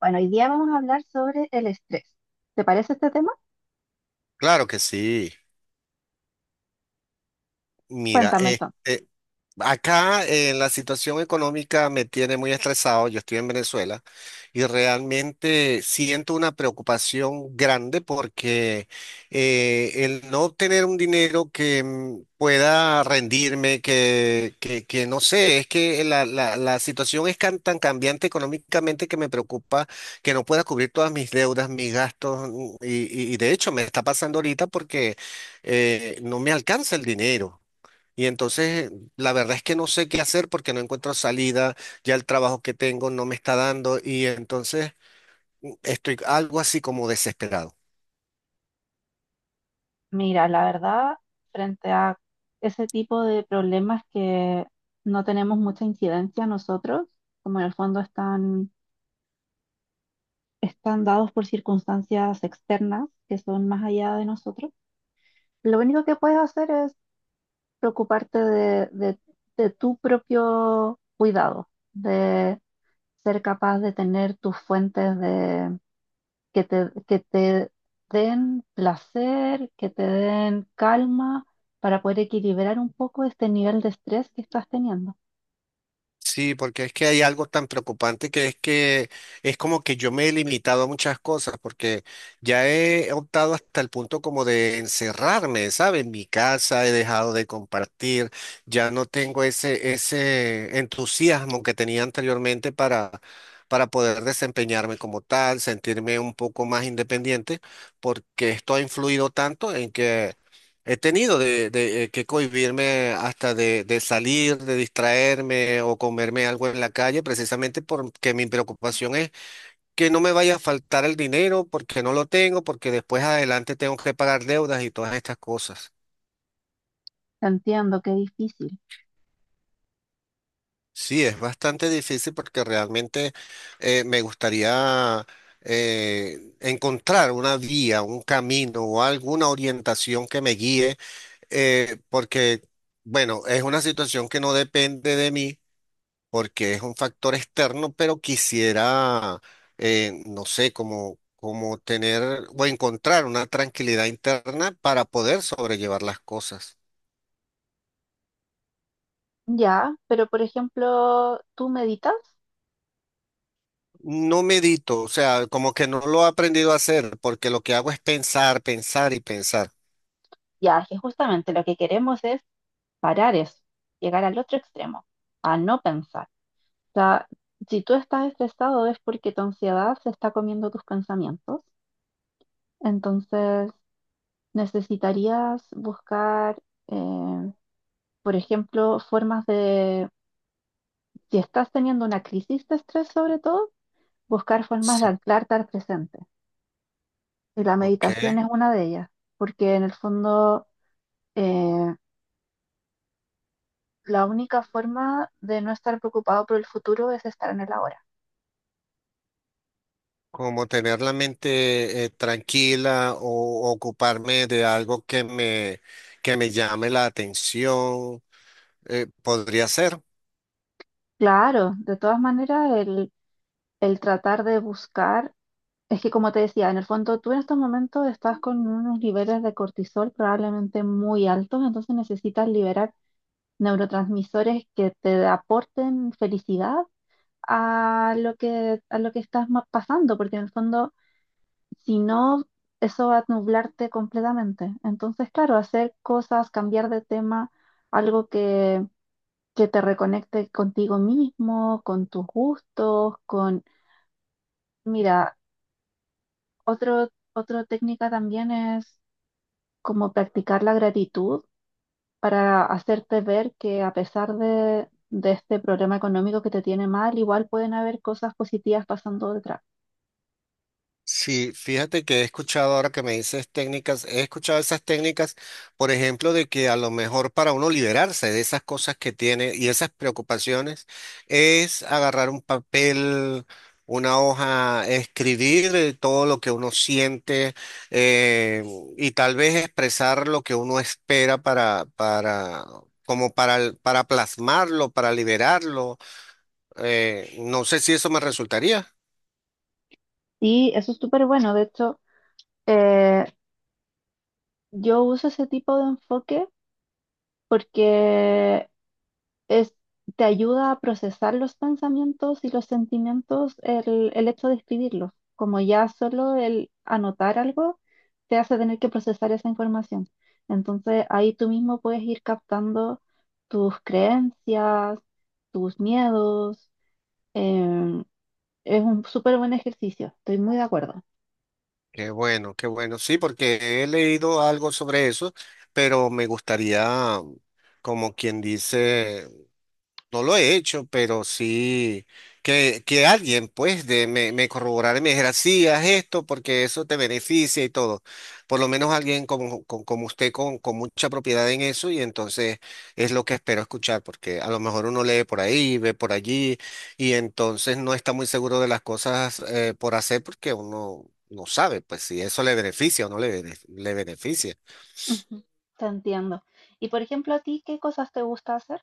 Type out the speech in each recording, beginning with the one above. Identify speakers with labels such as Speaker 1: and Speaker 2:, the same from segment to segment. Speaker 1: Bueno, hoy día vamos a hablar sobre el estrés. ¿Te parece este tema?
Speaker 2: Claro que sí. Mira,
Speaker 1: Cuéntame entonces.
Speaker 2: este, Acá, la situación económica me tiene muy estresado. Yo estoy en Venezuela y realmente siento una preocupación grande porque el no obtener un dinero que pueda rendirme, que no sé, es que la situación es tan cambiante económicamente, que me preocupa que no pueda cubrir todas mis deudas, mis gastos, y de hecho me está pasando ahorita porque no me alcanza el dinero. Y entonces, la verdad es que no sé qué hacer porque no encuentro salida. Ya el trabajo que tengo no me está dando, y entonces estoy algo así como desesperado.
Speaker 1: Mira, la verdad, frente a ese tipo de problemas que no tenemos mucha incidencia nosotros, como en el fondo están, están dados por circunstancias externas que son más allá de nosotros, lo único que puedes hacer es preocuparte de tu propio cuidado, de ser capaz de tener tus fuentes que te den placer, que te den calma para poder equilibrar un poco este nivel de estrés que estás teniendo.
Speaker 2: Sí, porque es que hay algo tan preocupante, que es como que yo me he limitado a muchas cosas, porque ya he optado hasta el punto como de encerrarme, ¿sabes? En mi casa he dejado de compartir. Ya no tengo ese entusiasmo que tenía anteriormente para poder desempeñarme como tal, sentirme un poco más independiente, porque esto ha influido tanto en que he tenido que cohibirme hasta de salir, de distraerme o comerme algo en la calle, precisamente porque mi preocupación es que no me vaya a faltar el dinero, porque no lo tengo, porque después adelante tengo que pagar deudas y todas estas cosas.
Speaker 1: Entiendo que es difícil.
Speaker 2: Sí, es bastante difícil, porque realmente me gustaría encontrar una vía, un camino o alguna orientación que me guíe, porque, bueno, es una situación que no depende de mí porque es un factor externo, pero quisiera, no sé, como, como tener o encontrar una tranquilidad interna para poder sobrellevar las cosas.
Speaker 1: Ya, pero por ejemplo, ¿tú meditas?
Speaker 2: No medito, o sea, como que no lo he aprendido a hacer, porque lo que hago es pensar, pensar y pensar.
Speaker 1: Ya, que justamente lo que queremos es parar eso, llegar al otro extremo, a no pensar. O sea, si tú estás estresado es porque tu ansiedad se está comiendo tus pensamientos. Entonces, necesitarías buscar eh, por ejemplo, formas de, si estás teniendo una crisis de estrés sobre todo, buscar formas de
Speaker 2: Sí.
Speaker 1: anclarte al presente. Y la
Speaker 2: Ok,
Speaker 1: meditación es una de ellas, porque en el fondo eh, la única forma de no estar preocupado por el futuro es estar en el ahora.
Speaker 2: como tener la mente tranquila, o ocuparme de algo que que me llame la atención, podría ser.
Speaker 1: Claro, de todas maneras, el tratar de buscar, es que como te decía, en el fondo tú en estos momentos estás con unos niveles de cortisol probablemente muy altos, entonces necesitas liberar neurotransmisores que te aporten felicidad a lo que estás pasando, porque en el fondo, si no, eso va a nublarte completamente. Entonces, claro, hacer cosas, cambiar de tema, algo que te reconecte contigo mismo, con tus gustos, con... Mira, otra técnica también es como practicar la gratitud para hacerte ver que a pesar de este problema económico que te tiene mal, igual pueden haber cosas positivas pasando detrás.
Speaker 2: Sí, fíjate que he escuchado ahora que me dices técnicas, he escuchado esas técnicas, por ejemplo, de que a lo mejor para uno liberarse de esas cosas que tiene y esas preocupaciones, es agarrar un papel, una hoja, escribir todo lo que uno siente, eh, y tal vez expresar lo que uno espera para, como para plasmarlo, para liberarlo. No sé si eso me resultaría.
Speaker 1: Y eso es súper bueno. De hecho, eh, yo uso ese tipo de enfoque porque es, te ayuda a procesar los pensamientos y los sentimientos, el hecho de escribirlos, como ya solo el anotar algo te hace tener que procesar esa información. Entonces ahí tú mismo puedes ir captando tus creencias, tus miedos. em, es un súper buen ejercicio, estoy muy de acuerdo.
Speaker 2: Qué bueno, qué bueno. Sí, porque he leído algo sobre eso, pero me gustaría, como quien dice, no lo he hecho, pero sí que alguien pues de, me corroborara y me dijera: sí, haz esto porque eso te beneficia y todo. Por lo menos alguien como, como usted con mucha propiedad en eso, y entonces es lo que espero escuchar, porque a lo mejor uno lee por ahí, ve por allí y entonces no está muy seguro de las cosas por hacer, porque uno no sabe pues si eso le beneficia o no le beneficia.
Speaker 1: Ujú. Te entiendo. Y por ejemplo, ¿a ti qué cosas te gusta hacer?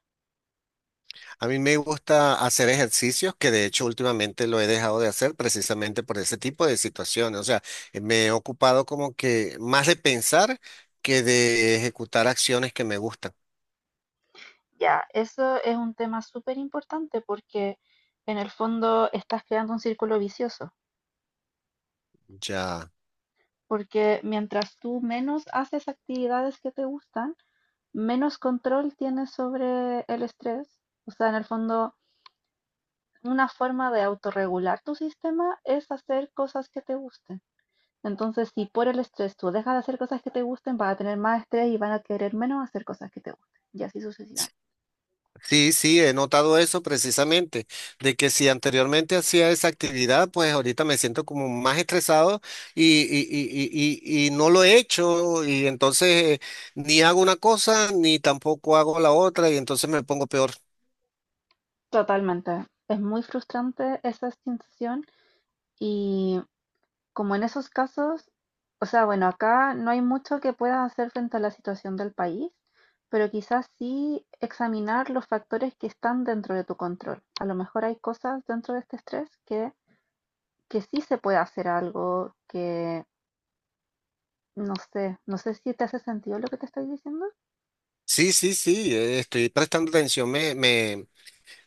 Speaker 2: A mí me gusta hacer ejercicios, que de hecho últimamente lo he dejado de hacer precisamente por ese tipo de situaciones. O sea, me he ocupado como que más de pensar que de ejecutar acciones que me gustan.
Speaker 1: Ya, eso es un tema súper importante porque en el fondo estás creando un círculo vicioso,
Speaker 2: Ya.
Speaker 1: porque mientras tú menos haces actividades que te gustan, menos control tienes sobre el estrés. O sea, en el fondo, una forma de autorregular tu sistema es hacer cosas que te gusten. Entonces, si por el estrés tú dejas de hacer cosas que te gusten, vas a tener más estrés y van a querer menos hacer cosas que te gusten, y así sucesivamente.
Speaker 2: Sí, sí, he notado eso precisamente, de que si anteriormente hacía esa actividad, pues ahorita me siento como más estresado, y no lo he hecho, y entonces ni hago una cosa ni tampoco hago la otra, y entonces me pongo peor.
Speaker 1: Totalmente. Es muy frustrante esa sensación. Y como en esos casos, o sea, bueno, acá no hay mucho que puedas hacer frente a la situación del país, pero quizás sí examinar los factores que están dentro de tu control. A lo mejor hay cosas dentro de este estrés que sí se puede hacer algo que, no sé, no sé si te hace sentido lo que te estoy diciendo.
Speaker 2: Sí, sí, sí, estoy prestando atención.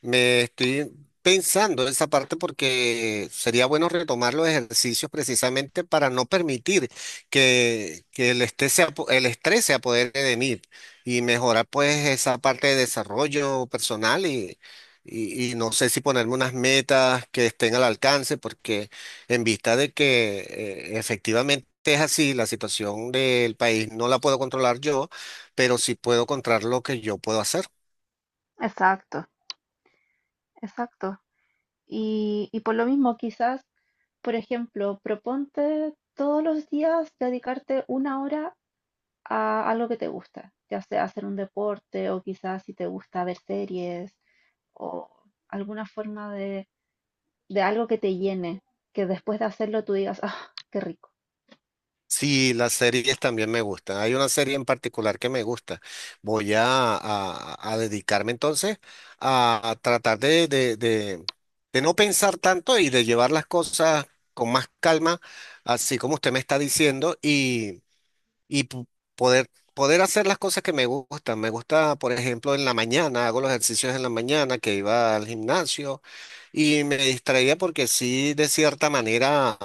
Speaker 2: Me estoy pensando esa parte, porque sería bueno retomar los ejercicios precisamente para no permitir que el estrés el estrés se apodere de mí, y mejorar pues esa parte de desarrollo personal y, y no sé si ponerme unas metas que estén al alcance, porque en vista de que efectivamente es así, la situación del país no la puedo controlar yo, pero sí puedo controlar lo que yo puedo hacer.
Speaker 1: Exacto, exacto. Y por lo mismo, quizás, por ejemplo, proponte todos los días dedicarte una hora a algo que te gusta, ya sea hacer un deporte o quizás si te gusta ver series o alguna forma de algo que te llene, que después de hacerlo tú digas, ah, qué rico.
Speaker 2: Sí, las series también me gustan. Hay una serie en particular que me gusta. A dedicarme entonces a tratar de no pensar tanto y de llevar las cosas con más calma, así como usted me está diciendo, y poder, poder hacer las cosas que me gustan. Me gusta, por ejemplo, en la mañana, hago los ejercicios en la mañana que iba al gimnasio y me distraía, porque sí, de cierta manera,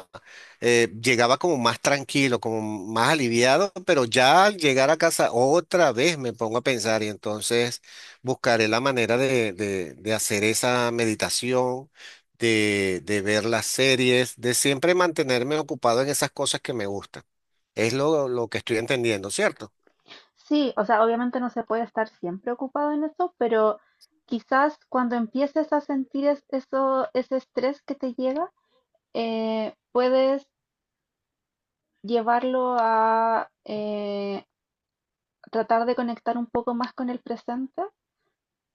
Speaker 2: llegaba como más tranquilo, como más aliviado, pero ya al llegar a casa otra vez me pongo a pensar, y entonces buscaré la manera de hacer esa meditación. De ver las series, de siempre mantenerme ocupado en esas cosas que me gustan. Es lo que estoy entendiendo, ¿cierto?
Speaker 1: Sí, o sea, obviamente no se puede estar siempre ocupado en eso, pero quizás cuando empieces a sentir eso, ese estrés que te llega, puedes llevarlo a, tratar de conectar un poco más con el presente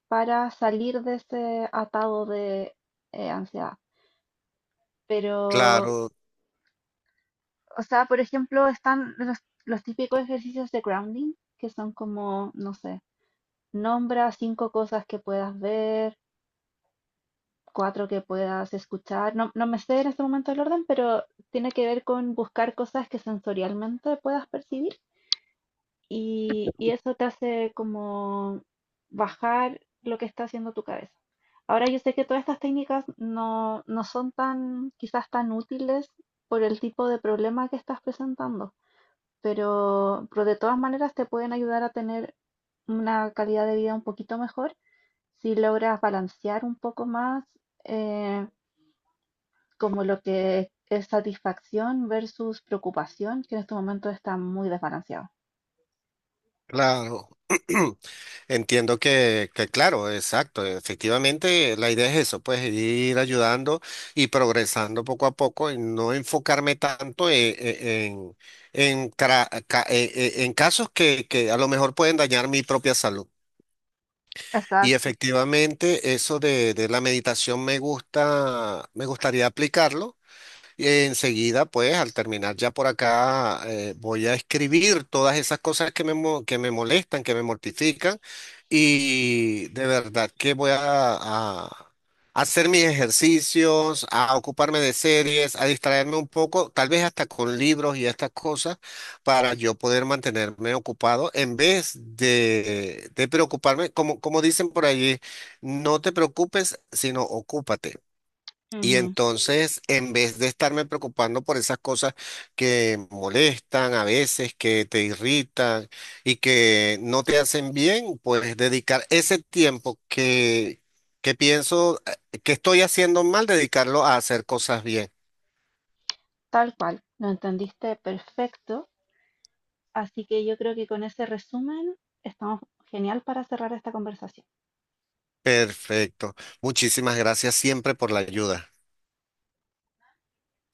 Speaker 1: para salir de ese atado de ansiedad. Pero,
Speaker 2: Claro,
Speaker 1: o sea, por ejemplo, están los típicos ejercicios de grounding, que son como, no sé, nombra cinco cosas que puedas ver, cuatro que puedas escuchar. No, no me sé en este momento el orden, pero tiene que ver con buscar cosas que sensorialmente puedas percibir y eso te hace como bajar lo que está haciendo tu cabeza. Ahora yo sé que todas estas técnicas no, no son tan, quizás tan útiles por el tipo de problema que estás presentando, pero de todas maneras te pueden ayudar a tener una calidad de vida un poquito mejor si logras balancear un poco más eh, como lo que es satisfacción versus preocupación, que en este momento está muy desbalanceado.
Speaker 2: claro. Entiendo que claro, exacto. Efectivamente, la idea es eso, pues ir ayudando y progresando poco a poco, y no enfocarme tanto en, en casos que a lo mejor pueden dañar mi propia salud. Y
Speaker 1: Exacto.
Speaker 2: efectivamente, eso de la meditación me gusta, me gustaría aplicarlo. Enseguida, pues, al terminar ya por acá, voy a escribir todas esas cosas que que me molestan, que me mortifican, y de verdad que voy a hacer mis ejercicios, a ocuparme de series, a distraerme un poco, tal vez hasta con libros y estas cosas, para yo poder mantenerme ocupado en vez de preocuparme, como, como dicen por allí: no te preocupes, sino ocúpate. Y
Speaker 1: Ujú.
Speaker 2: entonces, en vez de estarme preocupando por esas cosas que molestan a veces, que te irritan y que no te hacen bien, pues dedicar ese tiempo que pienso que estoy haciendo mal, dedicarlo a hacer cosas bien.
Speaker 1: Tal cual, lo entendiste perfecto, así que yo creo que con ese resumen estamos genial para cerrar esta conversación.
Speaker 2: Perfecto. Muchísimas gracias siempre por la ayuda.